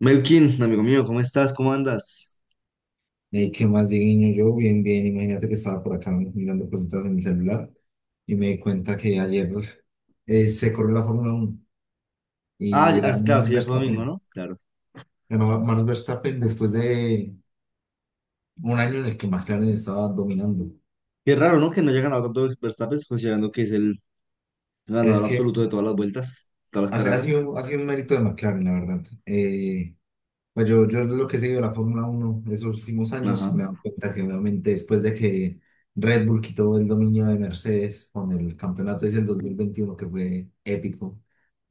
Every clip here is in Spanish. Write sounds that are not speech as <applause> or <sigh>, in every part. Melkin, amigo mío, ¿cómo estás? ¿Cómo andas? ¿Qué más, Dieguiño? Yo bien, bien, imagínate que estaba por acá mirando cositas en mi celular y me di cuenta que ayer se corrió la Fórmula uno y ganó Claro, Max sí, fue domingo, Verstappen. ¿no? Claro. Ganó Max Verstappen después de un año en el que McLaren estaba dominando. Qué raro, ¿no? Que no haya ganado tanto Verstappen, considerando que es el Es ganador que absoluto de todas las vueltas, todas las hace, ha carreras. sido, ha sido un mérito de McLaren, la verdad. Pues yo lo que he seguido de la Fórmula uno esos últimos años me Ajá. he dado cuenta que obviamente después de que Red Bull quitó el dominio de Mercedes con el campeonato ese del 2021 que fue épico.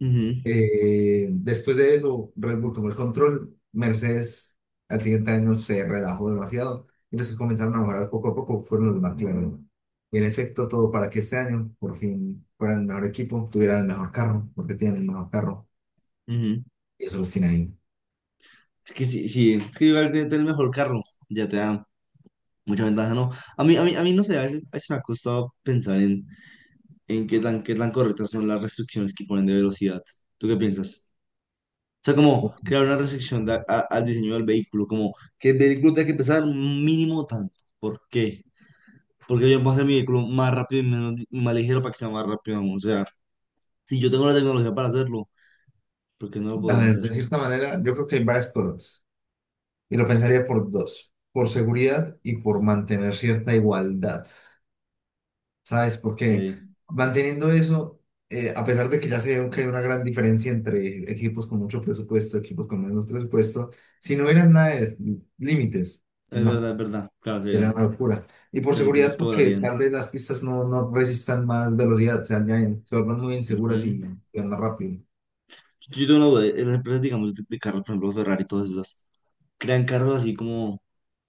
Ujú, Después de eso, Red Bull tomó el control. Mercedes al siguiente año se relajó demasiado y los que comenzaron a mejorar poco a poco fueron los McLaren. Y en efecto, todo para que este año por fin fueran el mejor equipo, tuvieran el mejor carro, porque tienen el mejor carro ujú. y eso los tiene ahí. Es que sí, sí, es que igual tener el mejor carro ya te da mucha ventaja, ¿no? A mí no sé, a veces me ha costado pensar en qué tan correctas son las restricciones que ponen de velocidad. ¿Tú qué piensas? O sea, como crear una restricción al diseño del vehículo, como que el vehículo tenga que pesar un mínimo tanto. ¿Por qué? Porque yo puedo hacer mi vehículo más rápido y menos, más ligero para que sea más rápido aún. O sea, si yo tengo la tecnología para hacerlo, ¿por qué no lo A podría ver, hacer? de cierta manera, yo creo que hay varias cosas y lo pensaría por dos, por seguridad y por mantener cierta igualdad. ¿Sabes? Ok, Porque es manteniendo eso, a pesar de que ya se ve que hay una gran diferencia entre equipos con mucho presupuesto, equipos con menos presupuesto, si no hubieran nada de límites, no, verdad, es verdad. Claro, sería serían, una locura. Y por serían seguridad, equipos que porque volarían. tal vez las pistas no resistan más velocidad, se dañan, se vuelven muy inseguras Ujú. y van más rápido. Yo tengo una duda, en las empresas, digamos, de carros, por ejemplo, Ferrari y todas esas, crean carros así como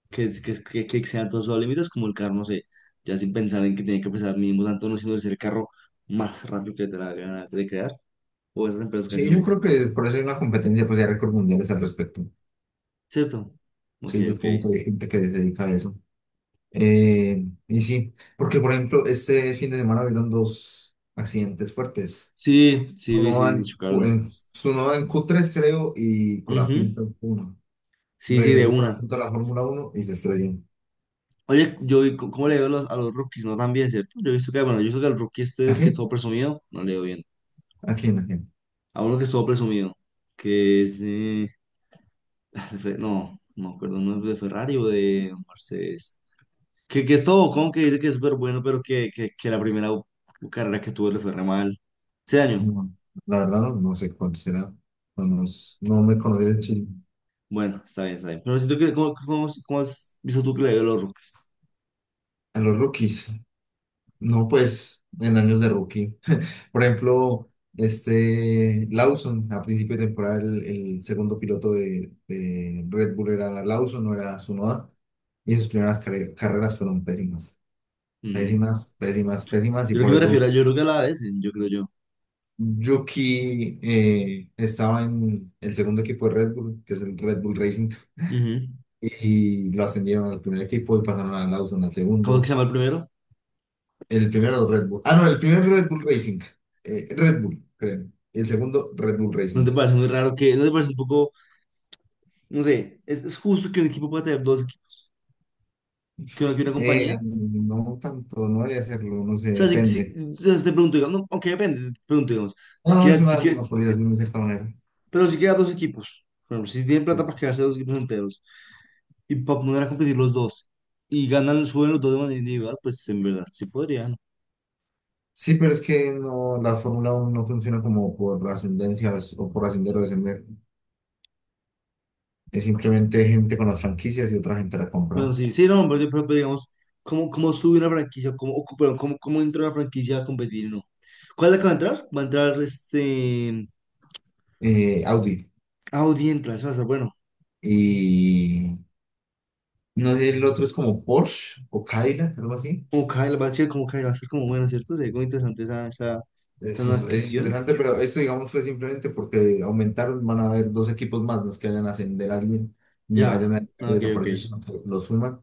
que excedan todos sus límites, como el carro, no sé, ya sin pensar en que tiene que pesar mínimo tanto, no, sino de ser el carro más rápido que te la gana de crear, o esas empresas casi Sí, yo nunca, creo que por eso hay una competencia, pues hay récord mundiales al respecto. ¿cierto? Ok, Sí, yo ok. como que hay gente que se dedica a eso. Y sí, porque por ejemplo, este fin de semana hubieron dos accidentes fuertes. Sí, sí, vi, Uno sí, sí, en, chocaron. Tsunoda en Q3, creo, y Colapinto Ujú. en Q1. Sí, sí, de Regresó una. Colapinto a la Fórmula Uno y se estrelló. Oye, yo vi cómo le veo a los rookies, no tan bien, ¿cierto? Yo he visto que, bueno, yo he visto que al rookie ¿A este que quién? estuvo presumido, no le veo bien. ¿A quién? ¿A quién? A uno que estuvo presumido, que es de, no, no me acuerdo, no es de Ferrari o de Mercedes. Que es todo con que dice que es súper bueno, pero que la primera carrera que tuve le fue re mal. Ese año. No, la verdad no, no sé cuál será. No, no, no me conocí de Chile. Bueno, está bien, está bien. Pero siento que, ¿cómo has visto tú que le dio a los Rockets? A los rookies. No, pues, en años de rookie. Por ejemplo, este Lawson, a principio de temporada, el segundo piloto de Red Bull era Lawson, no era Tsunoda, y sus primeras carreras fueron pésimas, Ujú. pésimas, pésimas, pésimas, Yo y creo que por me refiero eso a, yo creo que a la vez, yo creo yo. Yuki estaba en el segundo equipo de Red Bull, que es el Red Bull Racing, Ujú. y lo ascendieron al primer equipo y pasaron a Lawson al ¿Cómo es que se segundo. llama el primero? El primero Red Bull, ah, no, el primer Red Bull Racing, Red Bull, creo, el segundo Red Bull ¿No Racing. te parece muy raro que, no te parece un poco, no sé, es justo que un equipo pueda tener dos equipos, que una compañía? No tanto, no debería hacerlo, no sé, O sea, si, si, depende. o sea, te pregunto, digamos, no, aunque depende, te pregunto, digamos, si No, es quieres, si una quieres, monopolio de una cierta manera. pero si quieres dos equipos, por ejemplo, si tienen Sí, plata para quedarse dos equipos enteros, y para poner a competir los dos y ganan, suben los dos de manera individual, pues en verdad sí podrían. sí, pero es que no, la Fórmula uno no funciona como por ascendencias o por ascender o descender. Es simplemente gente con las franquicias y otra gente la Bueno, compra. sí, sí, no, pero pues, digamos, ¿cómo, cómo sube una franquicia? ¿Cómo, o, perdón, cómo, cómo entra una franquicia a competir? No. ¿Cuál es la que va a entrar? Va a entrar este. Audi. Audi entra, eso va a ser bueno. Y no sé, el otro es como Porsche o Cadillac, algo así. Como Kyle, va a ser como Kyle, va a ser como bueno, ¿cierto? Sería como interesante esa Eso nueva es adquisición. interesante, pero esto, digamos, fue simplemente porque aumentaron, van a haber dos equipos más, no es que vayan a ascender a alguien, ni vayan Ya, a ah, desaparecer, sino que lo suman.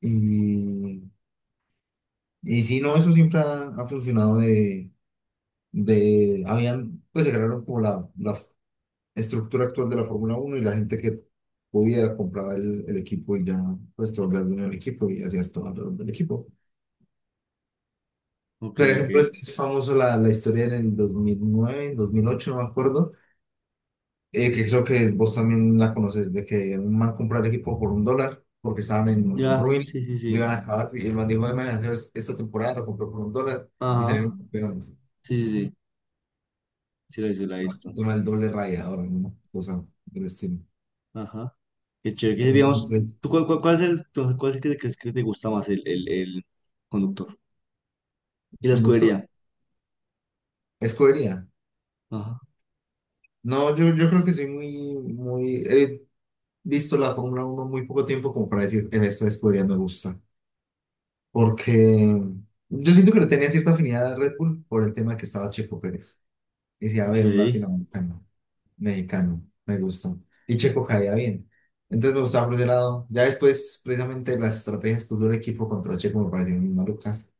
Y, y sí, no, eso siempre ha, ha funcionado de, habían, pues se crearon como la estructura actual de la Fórmula Uno y la gente que podía comprar el equipo y ya, pues te volvías dueño del equipo y hacías todo alrededor del equipo. Por ok. ejemplo, es famoso la, la historia en el 2009, en 2008 no me acuerdo, que creo que vos también la conoces, de que un man compró el equipo por un dólar porque estaban en Ya, ruin, sí, sí, lo sí. iban a acabar y el man dijo, "Ay, man, esta temporada lo compró por un dólar y Ajá, salieron campeones". sí, sí, sí, sí, la hizo, la he visto. Con el doble raya, ahora, una cosa del estilo. Ajá. Qué chévere, que digamos, Entonces, ¿cuál es el, cuál es el que te crees que te gusta más, el conductor? Y la conductor, escudería. escogería. Ajá, No, yo creo que soy muy, muy, he visto la Fórmula uno muy poco tiempo como para decir, en esta escudería me gusta. Porque yo siento que le tenía cierta afinidad a Red Bull por el tema que estaba Checo Pérez. Y decía, a ok, ver, un latinoamericano, mexicano, me gusta. Y Checo caía bien. Entonces me gustaba por ese lado. Ya después, precisamente, las estrategias que usó el equipo contra Checo me parecieron muy malucas.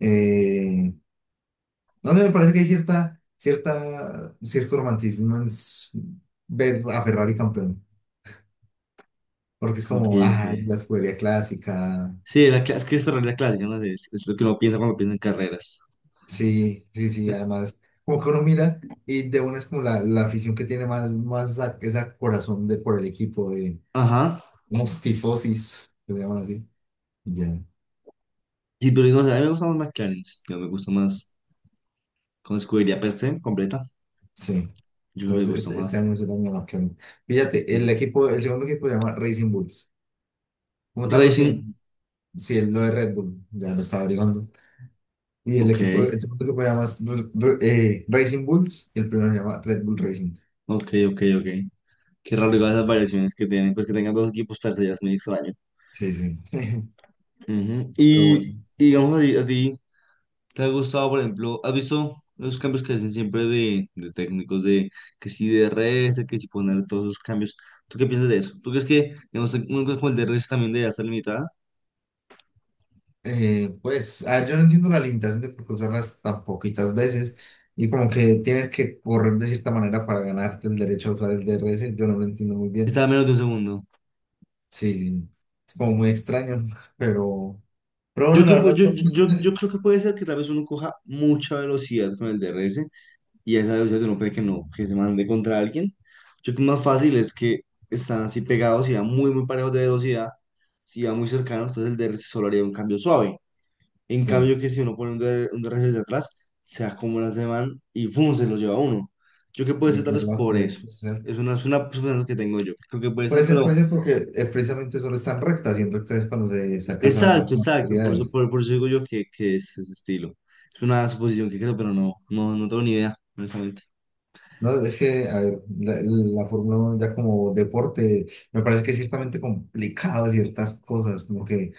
eh No sé, me parece que hay cierto romanticismo en ver a Ferrari campeón, porque es ok, como, ok. ah, la escudería clásica, Sí, la, es que es Ferrari la clásica, no sé, es lo que uno piensa cuando piensa en carreras. sí, sí, sí, Eh, además, como que uno mira y de una es como la afición que tiene más, más esa corazón de por el equipo, de Ajá, como tifosis, que le llaman así, ya, sí, pero no sé, a mí me gusta más McLaren, yo me gusta más con escudería per se, completa, sí. yo me Entonces, gusta este más. año es el año que... Fíjate, Sí. el equipo, el segundo equipo se llama Racing Bulls, como tal no tiene, Racing, sí, es lo de Red Bull, ya lo estaba averiguando. Y el ok, equipo, este otro equipo se llama Racing Bulls y el primero se llama Red Bull Racing. ok, ok. Qué raro igual esas variaciones que tienen, pues que tengan dos equipos per se, ya es muy extraño. Sí, sí. <laughs> Ujú. Pero bueno, Y digamos a ti, ¿te ha gustado, por ejemplo, has visto los cambios que hacen siempre de técnicos, de que si DRS, que si poner todos esos cambios? ¿Tú qué piensas de eso? ¿Tú crees que, digamos, una cosa como el DRS también debería estar limitada? Pues, a ver, yo no entiendo la limitación de por qué usarlas tan poquitas veces y como que tienes que correr de cierta manera para ganarte el derecho a usar el DRS. Yo no lo entiendo muy Está bien. a menos de un segundo. Sí, sí. Es como muy extraño, <laughs> pero, pero Yo, bueno, que, la verdad, yo creo que puede ser que tal vez uno coja mucha velocidad con el DRS y a esa velocidad uno puede que no, que se mande contra alguien. Yo creo que más fácil es que están así pegados y van muy parejos de velocidad, si van muy cercanos, entonces el DRS solo haría un cambio suave. En sí, cambio, que si uno pone un, DR un DRS de atrás, se acumula ese man y ¡fum!, se lo lleva a uno. Yo que puede ser es tal vez verdad, por puede eso. ser. Es una suposición que tengo yo. Creo que puede ser, Puede ser, pero puede ser porque precisamente solo están rectas y en rectas es cuando se alcanzan las exacto, máximas exacto. Velocidades. Por eso digo yo que es ese estilo. Es una suposición que creo, pero no, no, no tengo ni idea, honestamente. No, es que, a ver, la, la Fórmula 1 ya como deporte me parece que es ciertamente complicado ciertas cosas, como que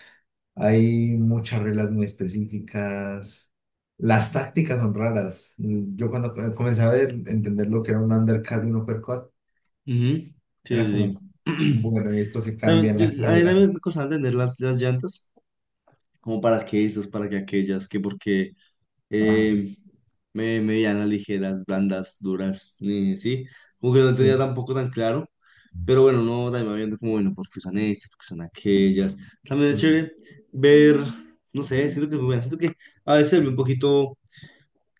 hay muchas reglas muy específicas, las tácticas son raras. Yo cuando comencé a ver, entender lo que era un undercut y un uppercut, Ujú. Sí, era sí, como, sí. bueno, ¿y esto que <clears throat> cambia También, en la a mí carrera? también me costaba entender las llantas, como para qué estas, para qué aquellas, que por qué. Ah, eh, medianas, ligeras, blandas, duras, sí, como que no tenía sí. tampoco tan claro, pero bueno, no, también va viendo como, bueno, porque son estas, porque son aquellas, también Sí, es chévere ver, no sé, siento que es muy buena, siento que a veces se vuelve un poquito,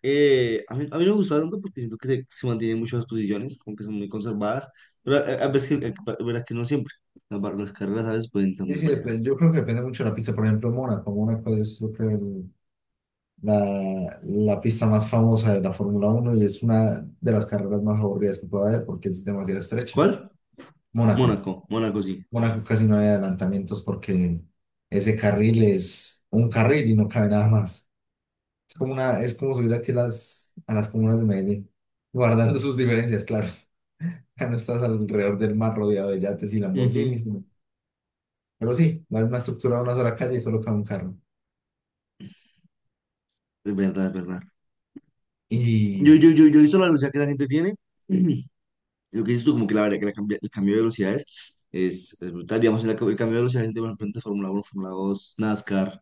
a mí no me gusta tanto porque siento que se mantienen muchas posiciones, como que son muy conservadas, pero a veces, que, verdad que no siempre, las, las carreras a veces pueden ser sí, muy sí, variadas. yo creo que depende mucho de la pista. Por ejemplo, Mónaco. Mónaco es, yo creo, la pista más famosa de la Fórmula Uno y es una de las carreras más aburridas que puede haber porque es demasiado estrecha. ¿Cuál? Mónaco. Mónaco sí. Mónaco casi no hay adelantamientos porque ese carril es un carril y no cabe nada más. Es como una, es como subir aquí las, a las comunas de Medellín, guardando sus diferencias, claro. <laughs> Acá no estás alrededor del mar rodeado de yates y Ujú. Lamborghinis, ¿no? Pero sí, la misma estructura, de una sola calle y solo cabe un carro. Es verdad, es verdad. Y Yo he visto la velocidad que la gente tiene. <clears throat> Lo que dices tú, como que la verdad que la el cambio de velocidades es brutal. Digamos, el cambio de velocidades de por ejemplo, entre Fórmula 1, Fórmula 2, NASCAR,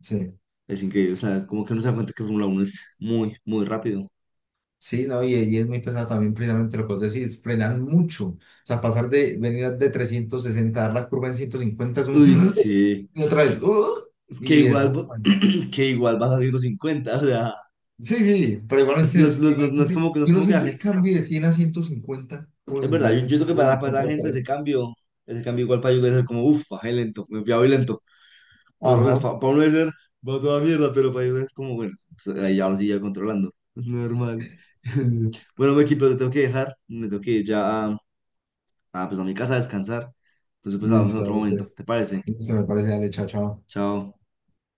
sí, es increíble. O sea, como que uno se da cuenta que Fórmula 1 es muy, muy rápido. sí, no, y es muy pesado también precisamente lo que vos decís, frenan mucho. O sea, pasar de venir de 360, dar la curva en 150 es un... Uy, <laughs> sí. <gasps> Y otra vez, <gasps> Que y igual, eso. Bueno. <clears throat> que igual vas a 150. O sea, Sí, sí, sí, pero igualmente, no es imagínate, como que, no es yo uno como que siente el bajes. cambio de 100 a 150, uno Es verdad, sentir yo, de yo creo que para 150 esa a gente 3. Ese cambio igual para ellos debe ser como, uff, bajé lento, me fui a muy lento. Por lo menos Ajá, para uno de ser, va toda mierda, pero para ellos es como, bueno, pues, ahí ya lo sigue controlando. Es normal. sí, <laughs> sí, Bueno, Meki, pero te tengo que dejar. Me tengo que ir ya a, pues, a mi casa a descansar. Entonces, pues hablamos en listo, otro dale, momento. pues. ¿Te parece? Listo, me parece, dale, chao, chao. Chao.